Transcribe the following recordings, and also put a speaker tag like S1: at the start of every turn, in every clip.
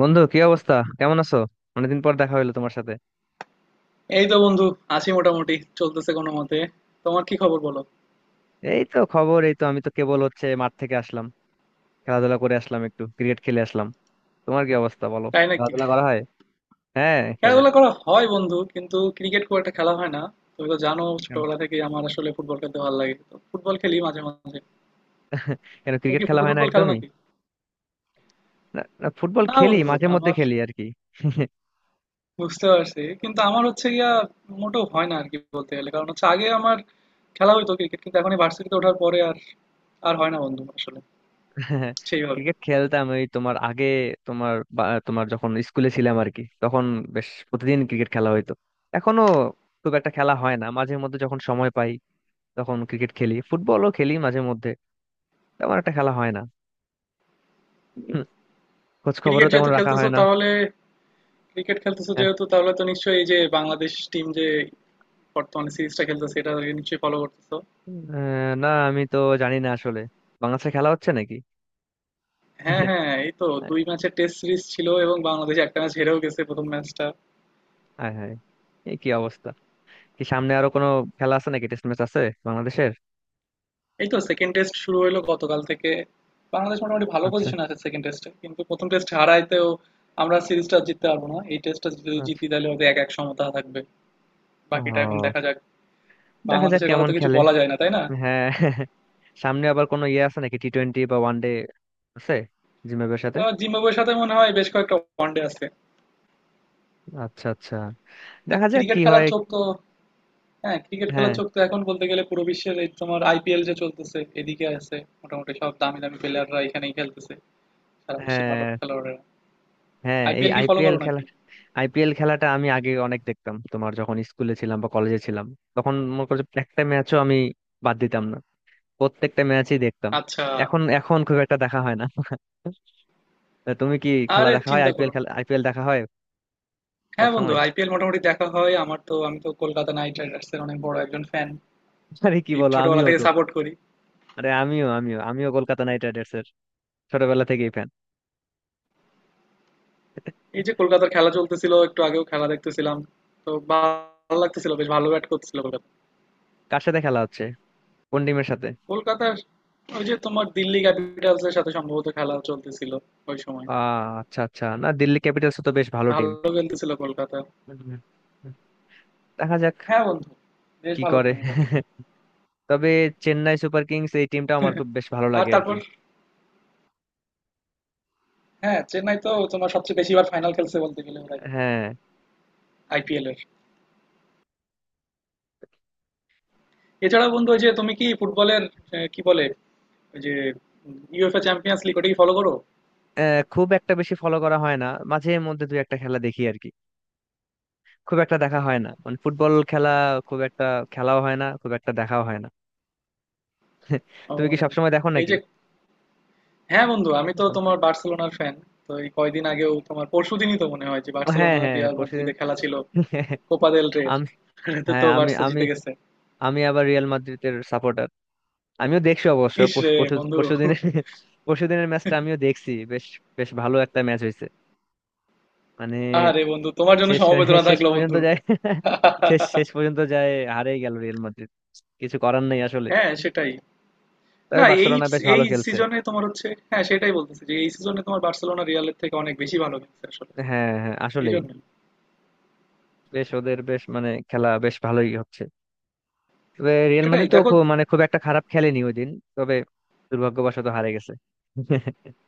S1: বন্ধু কি অবস্থা? কেমন আছো? অনেকদিন পর দেখা হইলো তোমার সাথে।
S2: এই তো বন্ধু, আছি মোটামুটি, চলতেছে কোনো মতে। তোমার কি খবর বলো?
S1: এই তো খবর, এই তো আমি তো কেবল হচ্ছে মাঠ থেকে আসলাম। খেলাধুলা করে আসলাম, একটু ক্রিকেট খেলে আসলাম। তোমার কি অবস্থা বলো?
S2: তাই নাকি?
S1: খেলাধুলা করা হয়? হ্যাঁ, খেলে।
S2: খেলাধুলা করা হয় বন্ধু, কিন্তু ক্রিকেট খুব একটা খেলা হয় না। তুমি তো জানো,
S1: কেন?
S2: ছোটবেলা থেকে আমার আসলে ফুটবল খেলতে ভালো লাগে, তো ফুটবল খেলি মাঝে মাঝে।
S1: কেন
S2: তুমি
S1: ক্রিকেট
S2: কি
S1: খেলা
S2: ফুটবল
S1: হয় না
S2: টুটবল খেলো
S1: একদমই?
S2: নাকি?
S1: না না, ফুটবল
S2: না
S1: খেলি,
S2: বন্ধু,
S1: মাঝে মধ্যে
S2: আমার
S1: খেলি আর কি।
S2: বুঝতে পারছি, কিন্তু আমার হচ্ছে গিয়া মোটেও হয় না আর কি। বলতে গেলে কারণ হচ্ছে আগে আমার খেলা হইতো ক্রিকেট, কিন্তু এখন এই ভার্সিটিতে ওঠার পরে আর আর হয় না বন্ধু আসলে, সেইভাবে।
S1: ক্রিকেট খেলতাম ওই তোমার আগে। তোমার তোমার যখন স্কুলে ছিলাম আর কি, তখন বেশ প্রতিদিন ক্রিকেট খেলা হইতো। এখনো খুব একটা খেলা হয় না, মাঝে মধ্যে যখন সময় পাই তখন ক্রিকেট খেলি, ফুটবলও খেলি মাঝে মধ্যে। তেমন একটা খেলা হয় না। হুম, খোঁজ
S2: ক্রিকেট
S1: খবরও তেমন
S2: যেহেতু
S1: রাখা
S2: খেলতেছো
S1: হয় না।
S2: তাহলে ক্রিকেট খেলতেছো
S1: হ্যাঁ।
S2: যেহেতু, তাহলে তো নিশ্চয়ই এই যে বাংলাদেশ টিম যে বর্তমানে সিরিজটা খেলতেছে এটা নিশ্চয়ই ফলো করতেছো।
S1: আহ, না আমি তো জানি না আসলে বাংলাদেশে খেলা হচ্ছে নাকি।
S2: হ্যাঁ হ্যাঁ, এই তো দুই ম্যাচের টেস্ট সিরিজ ছিল, এবং বাংলাদেশ একটা ম্যাচ হেরেও গেছে, প্রথম ম্যাচটা।
S1: হায় হায়! এই কি অবস্থা! কি সামনে আরো কোনো খেলা আছে নাকি? টেস্ট ম্যাচ আছে বাংলাদেশের?
S2: এই তো সেকেন্ড টেস্ট শুরু হলো গতকাল থেকে। বাংলাদেশ মোটামুটি ভালো
S1: আচ্ছা
S2: পজিশন আছে সেকেন্ড টেস্টে, কিন্তু প্রথম টেস্ট হারাইতেও আমরা সিরিজটা জিততে পারবো না। এই টেস্টটা যদি
S1: আচ্ছা।
S2: জিতি তাহলে হয়তো 1-1 সমতা থাকবে।
S1: ও,
S2: বাকিটা এখন দেখা যাক।
S1: দেখা যাক
S2: বাংলাদেশের কথা
S1: কেমন
S2: তো কিছু
S1: খেলে।
S2: বলা যায় না, তাই না?
S1: হ্যাঁ। সামনে আবার কোনো ইয়ে আছে নাকি? টি টোয়েন্টি বা ওয়ান ডে আছে জিম্বাবুয়ের সাথে?
S2: জিম্বাবুয়ের সাথে মনে হয় বেশ কয়েকটা ওয়ানডে আছে।
S1: আচ্ছা আচ্ছা, দেখা যাক
S2: ক্রিকেট
S1: কি
S2: খেলার
S1: হয়।
S2: চোখ তো, হ্যাঁ, ক্রিকেট
S1: হ্যাঁ
S2: খেলার চোখ তো এখন বলতে গেলে পুরো বিশ্বের। এই তোমার আইপিএল যে চলতেছে এদিকে আছে, মোটামুটি সব দামি দামি প্লেয়াররা এখানেই খেলতেছে, সারা বিশ্বের ভালো
S1: হ্যাঁ।
S2: খেলোয়াড়েরা।
S1: হ্যাঁ এই
S2: আইপিএল কি ফলো
S1: আইপিএল
S2: করো
S1: খেলা।
S2: নাকি?
S1: আইপিএল খেলাটা আমি আগে অনেক দেখতাম, তোমার যখন স্কুলে ছিলাম বা কলেজে ছিলাম। তখন মনে করো যে একটা ম্যাচও আমি বাদ দিতাম না, প্রত্যেকটা ম্যাচই দেখতাম।
S2: আচ্ছা,
S1: এখন এখন খুব একটা দেখা হয় না। তা তুমি কি খেলা
S2: আরে
S1: দেখা হয়?
S2: চিন্তা
S1: আইপিএল
S2: করো না।
S1: খেলা, আইপিএল দেখা হয় সব
S2: হ্যাঁ বন্ধু,
S1: সময়?
S2: আইপিএল মোটামুটি দেখা হয় আমার। তো আমি তো কলকাতা নাইট রাইডার্স এর অনেক বড় একজন ফ্যান,
S1: আরে কি
S2: এই
S1: বলো,
S2: ছোটবেলা
S1: আমিও
S2: থেকে
S1: তো!
S2: সাপোর্ট করি।
S1: আরে আমিও আমিও আমিও কলকাতা নাইট রাইডার্স এর ছোটবেলা থেকেই ফ্যান।
S2: এই যে কলকাতার খেলা চলতেছিল, একটু আগেও খেলা দেখতেছিলাম, তো ভালো লাগতেছিল, বেশ ভালো ব্যাট করতেছিল কলকাতা।
S1: কার সাথে খেলা হচ্ছে? কোন টিমের সাথে?
S2: কলকাতার ওই যে তোমার দিল্লি ক্যাপিটালস এর সাথে সম্ভবত খেলা চলতেছিল ওই সময়।
S1: আচ্ছা আচ্ছা, না দিল্লি ক্যাপিটালস তো বেশ ভালো
S2: ভালো
S1: টিম।
S2: খেলতেছিল কলকাতা।
S1: দেখা যাক
S2: হ্যাঁ বন্ধু, বেশ
S1: কি
S2: ভালো
S1: করে।
S2: টিম এবার।
S1: তবে চেন্নাই সুপার কিংস এই টিমটা আমার খুব বেশ ভালো
S2: আর
S1: লাগে আর কি।
S2: তারপর, হ্যাঁ, চেন্নাই তো তোমার সবচেয়ে বেশি বার ফাইনাল খেলছে বলতে গেলে ওরাই,
S1: হ্যাঁ।
S2: আইপিএল এর। এছাড়া বন্ধু, ওই যে তুমি কি ফুটবলের কি বলে, ওই যে ইউএফএ চ্যাম্পিয়ন্স লিগ, ওটা কি ফলো করো?
S1: খুব একটা বেশি ফলো করা হয় না, মাঝে মধ্যে দুই একটা খেলা দেখি আর কি। খুব একটা দেখা হয় না, মানে ফুটবল খেলা খুব একটা। খেলাও হয় না খুব একটা, দেখাও হয় না।
S2: ও,
S1: তুমি কি সবসময় দেখো
S2: এই
S1: নাকি?
S2: যে হ্যাঁ বন্ধু, আমি তো
S1: ও।
S2: তোমার বার্সেলোনার ফ্যান। তো এই কয়দিন আগেও, তোমার পরশুদিনই তো মনে হয় যে
S1: হ্যাঁ
S2: বার্সেলোনা
S1: হ্যাঁ
S2: আর
S1: হ্যাঁ,
S2: রিয়াল
S1: পরশুদিন।
S2: মাদ্রিদে খেলা ছিল, কোপা দেল রের।
S1: আমি,
S2: তো তো
S1: হ্যাঁ আমি
S2: বার্সা
S1: আমি
S2: জিতে গেছে।
S1: আমি আবার রিয়াল মাদ্রিদের সাপোর্টার। আমিও দেখছি অবশ্য
S2: ইস
S1: পরশু
S2: রে
S1: পরশু
S2: বন্ধু,
S1: পরশুদিনের পরশুদিনের ম্যাচটা আমিও দেখছি। বেশ বেশ ভালো একটা ম্যাচ হয়েছে, মানে।
S2: আরে বন্ধু, তোমার জন্য
S1: শেষ
S2: সমবেদনা
S1: শেষ
S2: থাকলো
S1: পর্যন্ত
S2: বন্ধু।
S1: যায়। শেষ শেষ পর্যন্ত যায়, হারেই গেল রিয়াল মাদ্রিদ। কিছু করার নেই আসলে।
S2: হ্যাঁ সেটাই।
S1: তবে
S2: না, এই
S1: বার্সেলোনা বেশ
S2: এই
S1: ভালো খেলছে।
S2: সিজনে তোমার হচ্ছে, হ্যাঁ সেটাই বলতেছি, যে এই সিজনে তোমার বার্সেলোনা রিয়ালের থেকে অনেক বেশি ভালো খেলছে আসলে,
S1: হ্যাঁ হ্যাঁ
S2: এই
S1: আসলেই।
S2: জন্যই।
S1: বেশ ওদের বেশ, মানে খেলা বেশ ভালোই হচ্ছে। তবে রিয়াল
S2: সেটাই
S1: মাদ্রিদ তো
S2: দেখো।
S1: খুব, মানে খুব একটা খারাপ খেলেনি ওই দিন। তবে দুর্ভাগ্যবশত হারে গেছে।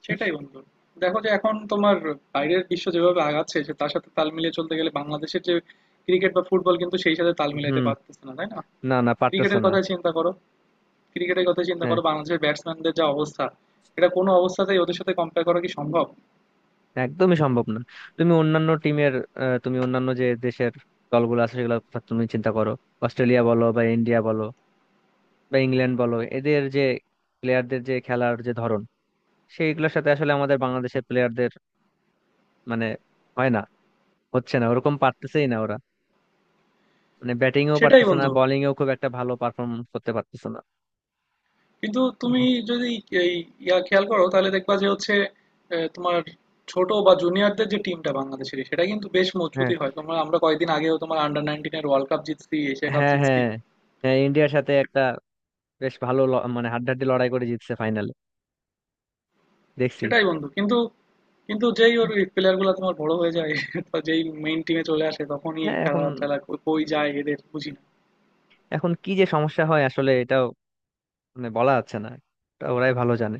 S2: সেটাই বন্ধু, দেখো যে এখন তোমার বাইরের বিশ্ব যেভাবে আগাচ্ছে, সে তার সাথে তাল মিলিয়ে চলতে গেলে বাংলাদেশের যে ক্রিকেট বা ফুটবল, কিন্তু সেই সাথে তাল মিলাইতে
S1: হুম।
S2: পারতেছে না, তাই না?
S1: না না পারতেছো
S2: ক্রিকেটের
S1: না।
S2: কথা চিন্তা করো, ক্রিকেটের কথা চিন্তা
S1: হ্যাঁ
S2: করো, বাংলাদেশের ব্যাটসম্যানদের যা অবস্থা, এটা কোনো অবস্থাতেই ওদের সাথে কম্পেয়ার করা কি সম্ভব?
S1: একদমই সম্ভব না। তুমি অন্যান্য টিমের, তুমি অন্যান্য যে দেশের দলগুলো আছে সেগুলো কথা তুমি চিন্তা করো। অস্ট্রেলিয়া বলো বা ইন্ডিয়া বলো বা ইংল্যান্ড বলো, এদের যে প্লেয়ারদের যে খেলার যে ধরন, সেইগুলোর সাথে আসলে আমাদের বাংলাদেশের প্লেয়ারদের মানে হয় না। হচ্ছে না, ওরকম পারতেছেই না ওরা। মানে ব্যাটিং এও
S2: সেটাই
S1: পারতেছে না,
S2: বন্ধু,
S1: বোলিং এও খুব একটা ভালো পারফরমেন্স করতে পারতেছে না।
S2: কিন্তু তুমি যদি এই ইয়া খেয়াল করো তাহলে দেখবা যে হচ্ছে, তোমার ছোট বা জুনিয়রদের যে টিমটা বাংলাদেশের সেটা কিন্তু বেশ
S1: হ্যাঁ
S2: মজবুতই হয়। তোমরা আমরা কয়েকদিন আগেও তোমার আন্ডার 19-এর ওয়ার্ল্ড কাপ জিতছি, এশিয়া কাপ
S1: হ্যাঁ
S2: জিতছি।
S1: হ্যাঁ। হ্যাঁ ইন্ডিয়ার সাথে একটা বেশ ভালো মানে হাড্ডাহাড্ডি লড়াই করে জিতছে ফাইনালে, দেখছি।
S2: সেটাই বন্ধু, কিন্তু, কিন্তু যেই ওর প্লেয়ার গুলা তোমার বড় হয়ে যায়, তো যেই মেইন টিমে চলে আসে তখনই
S1: হ্যাঁ। এখন
S2: খেলা টেলা কই কই যায় এদের বুঝি না।
S1: এখন কি যে সমস্যা হয় আসলে এটাও মানে বলা যাচ্ছে না, এটা ওরাই ভালো জানে।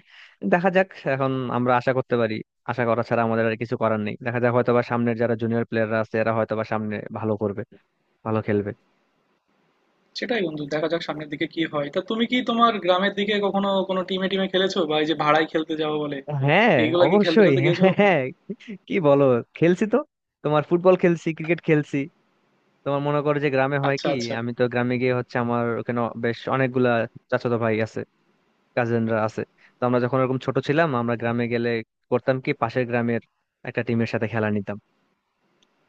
S1: দেখা যাক, এখন আমরা আশা করতে পারি। আশা করা ছাড়া আমাদের আর কিছু করার নেই। দেখা যাক হয়তোবা সামনের যারা জুনিয়র প্লেয়াররা আছে এরা হয়তোবা সামনে ভালো করবে, ভালো খেলবে।
S2: সেটাই বন্ধু, দেখা যাক সামনের দিকে কি হয়। তা তুমি কি তোমার গ্রামের দিকে কখনো কোনো টিমে টিমে খেলেছো, বা এই যে ভাড়ায় খেলতে যাও বলে
S1: হ্যাঁ
S2: এইগুলা কি খেলতে
S1: অবশ্যই।
S2: খেলতে
S1: হ্যাঁ
S2: গিয়েছো
S1: হ্যাঁ,
S2: কখনো?
S1: হ্যাঁ। কি বলো, খেলছি তো। তোমার ফুটবল খেলছি, ক্রিকেট খেলছি। তোমার মনে করো যে গ্রামে হয়
S2: আচ্ছা
S1: কি,
S2: আচ্ছা
S1: আমি তো গ্রামে গিয়ে হচ্ছে আমার ওখানে বেশ অনেকগুলা চাচাতো ভাই আছে, কাজিনরা আছে। তো আমরা যখন এরকম ছোট ছিলাম আমরা গ্রামে গেলে করতাম কি পাশের গ্রামের একটা টিমের সাথে খেলা নিতাম।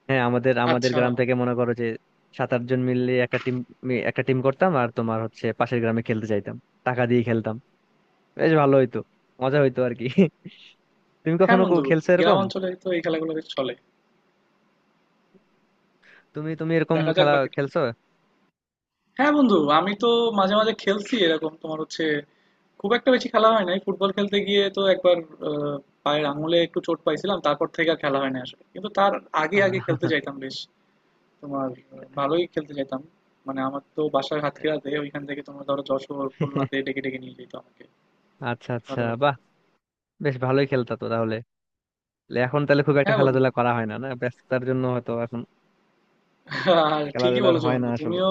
S1: হ্যাঁ আমাদের আমাদের
S2: আচ্ছা।
S1: গ্রাম থেকে মনে করো যে 7-8 জন মিলে একটা টিম করতাম আর তোমার হচ্ছে পাশের গ্রামে খেলতে যাইতাম। টাকা দিয়ে খেলতাম, বেশ ভালো হইতো, মজা হইতো আর কি। তুমি
S2: হ্যাঁ
S1: কখনো
S2: বন্ধু,
S1: খেলছো
S2: গ্রাম
S1: এরকম?
S2: অঞ্চলে তো এই খেলাগুলো বেশ চলে।
S1: তুমি তুমি এরকম
S2: দেখা যাক
S1: খেলা
S2: বাকিটা।
S1: খেলছো?
S2: হ্যাঁ বন্ধু, আমি তো মাঝে মাঝে খেলছি এরকম। তোমার হচ্ছে খুব একটা বেশি খেলা হয় নাই। ফুটবল খেলতে গিয়ে তো একবার আহ, পায়ের আঙুলে একটু চোট পাইছিলাম, তারপর থেকে আর খেলা হয় না আসলে, কিন্তু তার আগে আগে খেলতে
S1: আহ,
S2: যাইতাম বেশ। তোমার ভালোই খেলতে যাইতাম, মানে আমার তো বাসার হাতখেরাতে ওইখান থেকে তোমার ধরো যশোর খুলনাতে ডেকে ডেকে নিয়ে যেত আমাকে
S1: আচ্ছা আচ্ছা,
S2: খেলাধুলা
S1: বাহ!
S2: করতে।
S1: বেশ ভালোই খেলতা তো তাহলে। তাহলে এখন তাহলে খুব একটা
S2: হ্যাঁ বন্ধু,
S1: খেলাধুলা করা হয় না? না, ব্যস্ততার জন্য হয়তো এখন
S2: আর ঠিকই
S1: খেলাধুলার
S2: বলেছো
S1: হয় না
S2: বন্ধু,
S1: আসলে।
S2: তুমিও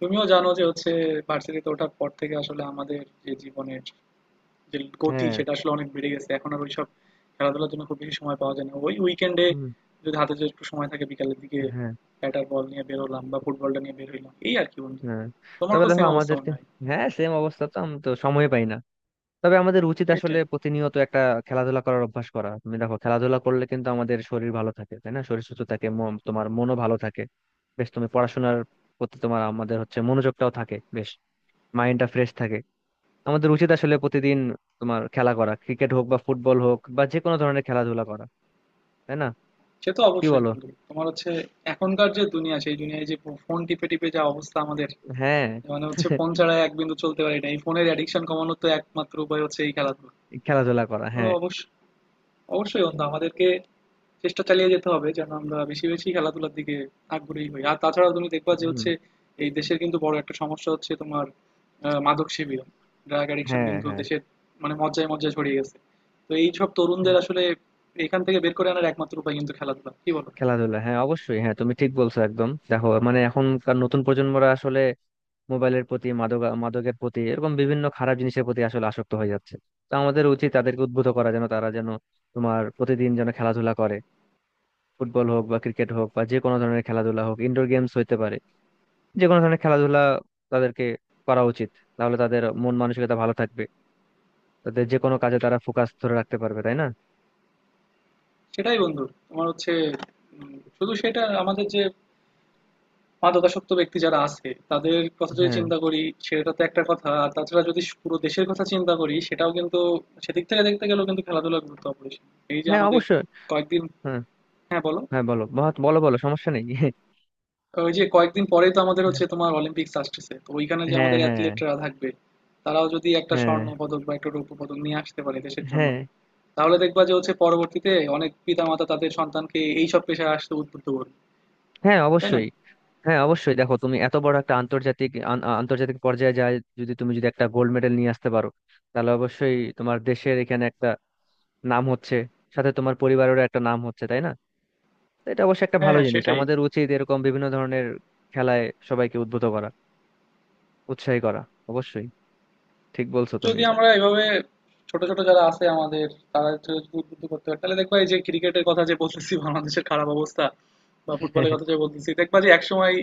S2: তুমিও জানো যে হচ্ছে ভার্সিটিতে ওঠার পর থেকে আসলে আমাদের যে জীবনের যে গতি
S1: হ্যাঁ।
S2: সেটা আসলে অনেক বেড়ে গেছে, এখন আর ওইসব খেলাধুলার জন্য খুব বেশি সময় পাওয়া যায় না। ওই উইকেন্ডে
S1: হুম,
S2: যদি হাতে যদি একটু সময় থাকে বিকালের দিকে,
S1: হ্যাঁ
S2: ব্যাটার বল নিয়ে বের হলাম বা ফুটবলটা নিয়ে বের হইলাম, এই আর কি বন্ধু।
S1: হ্যাঁ
S2: তোমারও
S1: তবে
S2: তো
S1: দেখো
S2: সেম অবস্থা
S1: আমাদেরকে,
S2: মনে হয়।
S1: হ্যাঁ সেম অবস্থা তো আমি তো সময় পাই না। তবে আমাদের উচিত আসলে
S2: সেটাই।
S1: প্রতিনিয়ত একটা খেলাধুলা করার অভ্যাস করা। তুমি দেখো খেলাধুলা করলে কিন্তু আমাদের শরীর ভালো থাকে, তাই না? শরীর সুস্থ থাকে, মন তোমার মনও ভালো থাকে। বেশ তুমি পড়াশোনার প্রতি তোমার আমাদের হচ্ছে মনোযোগটাও থাকে বেশ, মাইন্ডটা ফ্রেশ থাকে। আমাদের উচিত আসলে প্রতিদিন তোমার খেলা করা, ক্রিকেট হোক বা ফুটবল হোক বা যে কোনো ধরনের খেলাধুলা করা। তাই না?
S2: সে তো
S1: কি
S2: অবশ্যই
S1: বলো।
S2: বন্ধু, তোমার হচ্ছে এখনকার যে দুনিয়া, সেই দুনিয়ায় যে ফোন টিপে টিপে যা অবস্থা আমাদের,
S1: হ্যাঁ।
S2: মানে হচ্ছে ফোন ছাড়া এক বিন্দু চলতে পারি না। এই ফোনের অ্যাডিকশন কমানোর তো একমাত্র উপায় হচ্ছে এই খেলাধুলো।
S1: খেলাধুলা করা,
S2: তো
S1: হ্যাঁ।
S2: অবশ্যই, অবশ্যই বন্ধু, আমাদেরকে চেষ্টা চালিয়ে যেতে হবে যেন আমরা বেশি বেশি খেলাধুলার দিকে আগ্রহী হই। আর তাছাড়া তুমি দেখবা যে
S1: হুম,
S2: হচ্ছে এই দেশের কিন্তু বড় একটা সমস্যা হচ্ছে তোমার মাদক সেবীরা, ড্রাগ অ্যাডিকশন
S1: হ্যাঁ
S2: কিন্তু
S1: হ্যাঁ
S2: দেশের মানে মজ্জায় মজ্জায় ছড়িয়ে গেছে। তো এই সব
S1: হ্যাঁ,
S2: তরুণদের আসলে এখান থেকে বের করে আনার একমাত্র উপায় কিন্তু খেলাধুলা, কি বলো?
S1: খেলাধুলা, হ্যাঁ অবশ্যই। হ্যাঁ তুমি ঠিক বলছো একদম। দেখো মানে এখনকার নতুন প্রজন্মরা আসলে মোবাইলের প্রতি, মাদক মাদকের প্রতি, এরকম বিভিন্ন খারাপ জিনিসের প্রতি আসলে আসক্ত হয়ে যাচ্ছে। তো আমাদের উচিত তাদেরকে উদ্বুদ্ধ করা যেন তারা যেন তোমার প্রতিদিন যেন খেলাধুলা করে। ফুটবল হোক বা ক্রিকেট হোক বা যে কোনো ধরনের খেলাধুলা হোক, ইনডোর গেমস হইতে পারে, যে কোনো ধরনের খেলাধুলা তাদেরকে করা উচিত। তাহলে তাদের মন মানসিকতা ভালো থাকবে, তাদের যে কোনো কাজে তারা ফোকাস ধরে রাখতে পারবে, তাই না?
S2: সেটাই বন্ধু, তোমার হচ্ছে শুধু সেটা আমাদের যে মাদকাসক্ত ব্যক্তি যারা আছে তাদের কথা যদি
S1: হ্যাঁ
S2: চিন্তা করি, সেটা তো একটা কথা। আর তাছাড়া যদি পুরো দেশের কথা চিন্তা করি, সেটাও কিন্তু সেদিক থেকে দেখতে গেলেও কিন্তু খেলাধুলার গুরুত্ব অপরিসীম। এই যে
S1: হ্যাঁ
S2: আমাদের
S1: অবশ্যই।
S2: কয়েকদিন,
S1: হ্যাঁ
S2: হ্যাঁ বলো।
S1: হ্যাঁ বলো, মহৎ বলো, বলো সমস্যা নেই।
S2: ওই যে কয়েকদিন পরেই তো আমাদের হচ্ছে তোমার অলিম্পিক্স আসতেছে, তো ওইখানে যে
S1: হ্যাঁ
S2: আমাদের
S1: হ্যাঁ
S2: অ্যাথলেটরা থাকবে, তারাও যদি একটা
S1: হ্যাঁ
S2: স্বর্ণ পদক বা একটা রৌপ্য পদক নিয়ে আসতে পারে দেশের জন্য,
S1: হ্যাঁ
S2: তাহলে দেখবা যে হচ্ছে পরবর্তীতে অনেক পিতামাতা তাদের সন্তানকে এই সব পেশায় আসতে উদ্বুদ্ধ করবে,
S1: হ্যাঁ
S2: তাই না?
S1: অবশ্যই। হ্যাঁ অবশ্যই। দেখো তুমি এত বড় একটা আন্তর্জাতিক আন্তর্জাতিক পর্যায়ে যায়, যদি তুমি যদি একটা গোল্ড মেডেল নিয়ে আসতে পারো, তাহলে অবশ্যই তোমার দেশের এখানে একটা নাম হচ্ছে, সাথে তোমার পরিবারেরও একটা নাম হচ্ছে, তাই না? তো এটা অবশ্যই একটা
S2: হ্যাঁ
S1: ভালো
S2: হ্যাঁ
S1: জিনিস।
S2: সেটাই।
S1: আমাদের উচিত এরকম বিভিন্ন ধরনের খেলায় সবাইকে উদ্বুদ্ধ করা, উৎসাহী করা। অবশ্যই ঠিক বলছো তুমি
S2: যদি
S1: এটা।
S2: আমরা এভাবে ছোট ছোট যারা আছে আমাদের, তারা একটু উদ্বুদ্ধ করতে পারে তাহলে দেখবা, এই যে ক্রিকেটের কথা যে বলতেছি বাংলাদেশের খারাপ অবস্থা, বা ফুটবলের কথা যে বলতেছি, দেখবা যে একসময়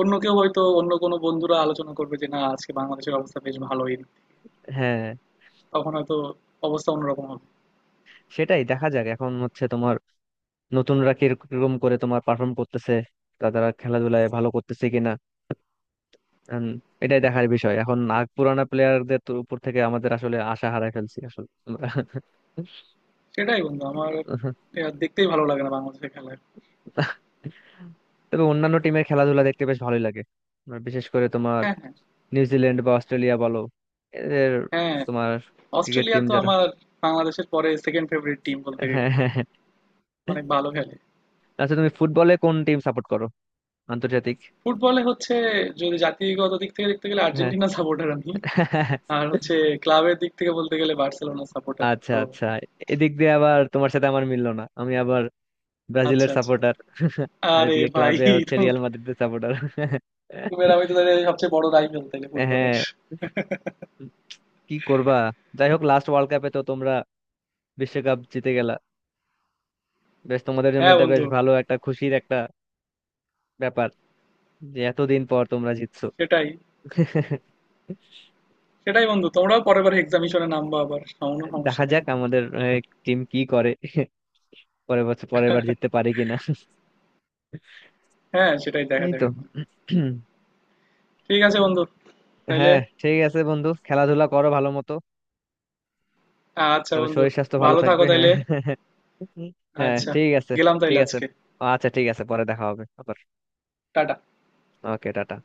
S2: অন্য কেউ হয়তো, অন্য কোনো বন্ধুরা আলোচনা করবে যে না, আজকে বাংলাদেশের অবস্থা বেশ ভালোই।
S1: হ্যাঁ
S2: তখন হয়তো অবস্থা অন্যরকম হবে।
S1: সেটাই, দেখা যাক এখন হচ্ছে তোমার নতুনরা কিরকম করে তোমার পারফর্ম করতেছে, তা তারা খেলাধুলায় ভালো করতেছে কিনা। উম, এটাই দেখার বিষয়। এখন নাগ পুরানা প্লেয়ারদের উপর থেকে আমাদের আসলে আশা হারাই ফেলছি আসলে আমরা।
S2: সেটাই বন্ধু, আমার এ আর দেখতেই ভালো লাগে না বাংলাদেশের খেলা।
S1: তবে অন্যান্য টিমের খেলাধুলা দেখতে বেশ ভালোই লাগে, আর বিশেষ করে তোমার
S2: হ্যাঁ হ্যাঁ
S1: নিউজিল্যান্ড বা অস্ট্রেলিয়া বলো, এদের
S2: হ্যাঁ।
S1: তোমার ক্রিকেট
S2: অস্ট্রেলিয়া
S1: টিম
S2: তো
S1: যারা।
S2: আমার বাংলাদেশের পরে সেকেন্ড ফেভারিট টিম বলতে গেলে,
S1: হ্যাঁ হ্যাঁ হ্যাঁ।
S2: অনেক ভালো খেলে।
S1: আচ্ছা তুমি ফুটবলে কোন টিম সাপোর্ট করো? আন্তর্জাতিক?
S2: ফুটবলে হচ্ছে, যদি জাতিগত দিক থেকে দেখতে গেলে
S1: হ্যাঁ।
S2: আর্জেন্টিনা সাপোর্টার আমি, আর হচ্ছে ক্লাবের দিক থেকে বলতে গেলে বার্সেলোনা সাপোর্টার
S1: আচ্ছা
S2: তো।
S1: আচ্ছা, এদিক দিয়ে আবার তোমার সাথে আমার মিললো না, আমি আবার
S2: আচ্ছা
S1: ব্রাজিলের
S2: আচ্ছা।
S1: সাপোর্টার। আর
S2: আরে
S1: এদিকে
S2: ভাই,
S1: ক্লাবে হচ্ছে
S2: তুমি,
S1: রিয়াল মাদ্রিদের সাপোর্টার।
S2: তুমি আর আমি তো তাহলে সবচেয়ে বড় রাইভেল তাহলে ফুটবলের।
S1: হ্যাঁ কি করবা, যাই হোক লাস্ট ওয়ার্ল্ড কাপে তো তোমরা বিশ্বকাপ জিতে গেলা। বেশ তোমাদের জন্য
S2: হ্যাঁ
S1: এটা বেশ
S2: বন্ধু,
S1: ভালো একটা খুশির একটা ব্যাপার যে এতদিন পর তোমরা জিতছো।
S2: সেটাই। সেটাই বন্ধু, তোমরাও পরের বার এক্সামিশনে নামবা আবার, কোনো সমস্যা
S1: দেখা
S2: নেই।
S1: যাক আমাদের টিম কি করে, পরের বছর পরের বার জিততে পারে কিনা।
S2: হ্যাঁ সেটাই, দেখা
S1: এই
S2: যাক
S1: তো।
S2: এখন। ঠিক আছে বন্ধু, তাইলে।
S1: হ্যাঁ ঠিক আছে বন্ধু, খেলাধুলা করো ভালো মতো।
S2: আচ্ছা
S1: তাহলে
S2: বন্ধু,
S1: শরীর স্বাস্থ্য ভালো
S2: ভালো
S1: থাকবে,
S2: থাকো
S1: হ্যাঁ।
S2: তাইলে।
S1: হ্যাঁ
S2: আচ্ছা,
S1: ঠিক আছে।
S2: গেলাম
S1: ঠিক
S2: তাইলে
S1: আছে।
S2: আজকে।
S1: আচ্ছা ঠিক আছে, পরে দেখা হবে আবার।
S2: টাটা।
S1: Okay, tata.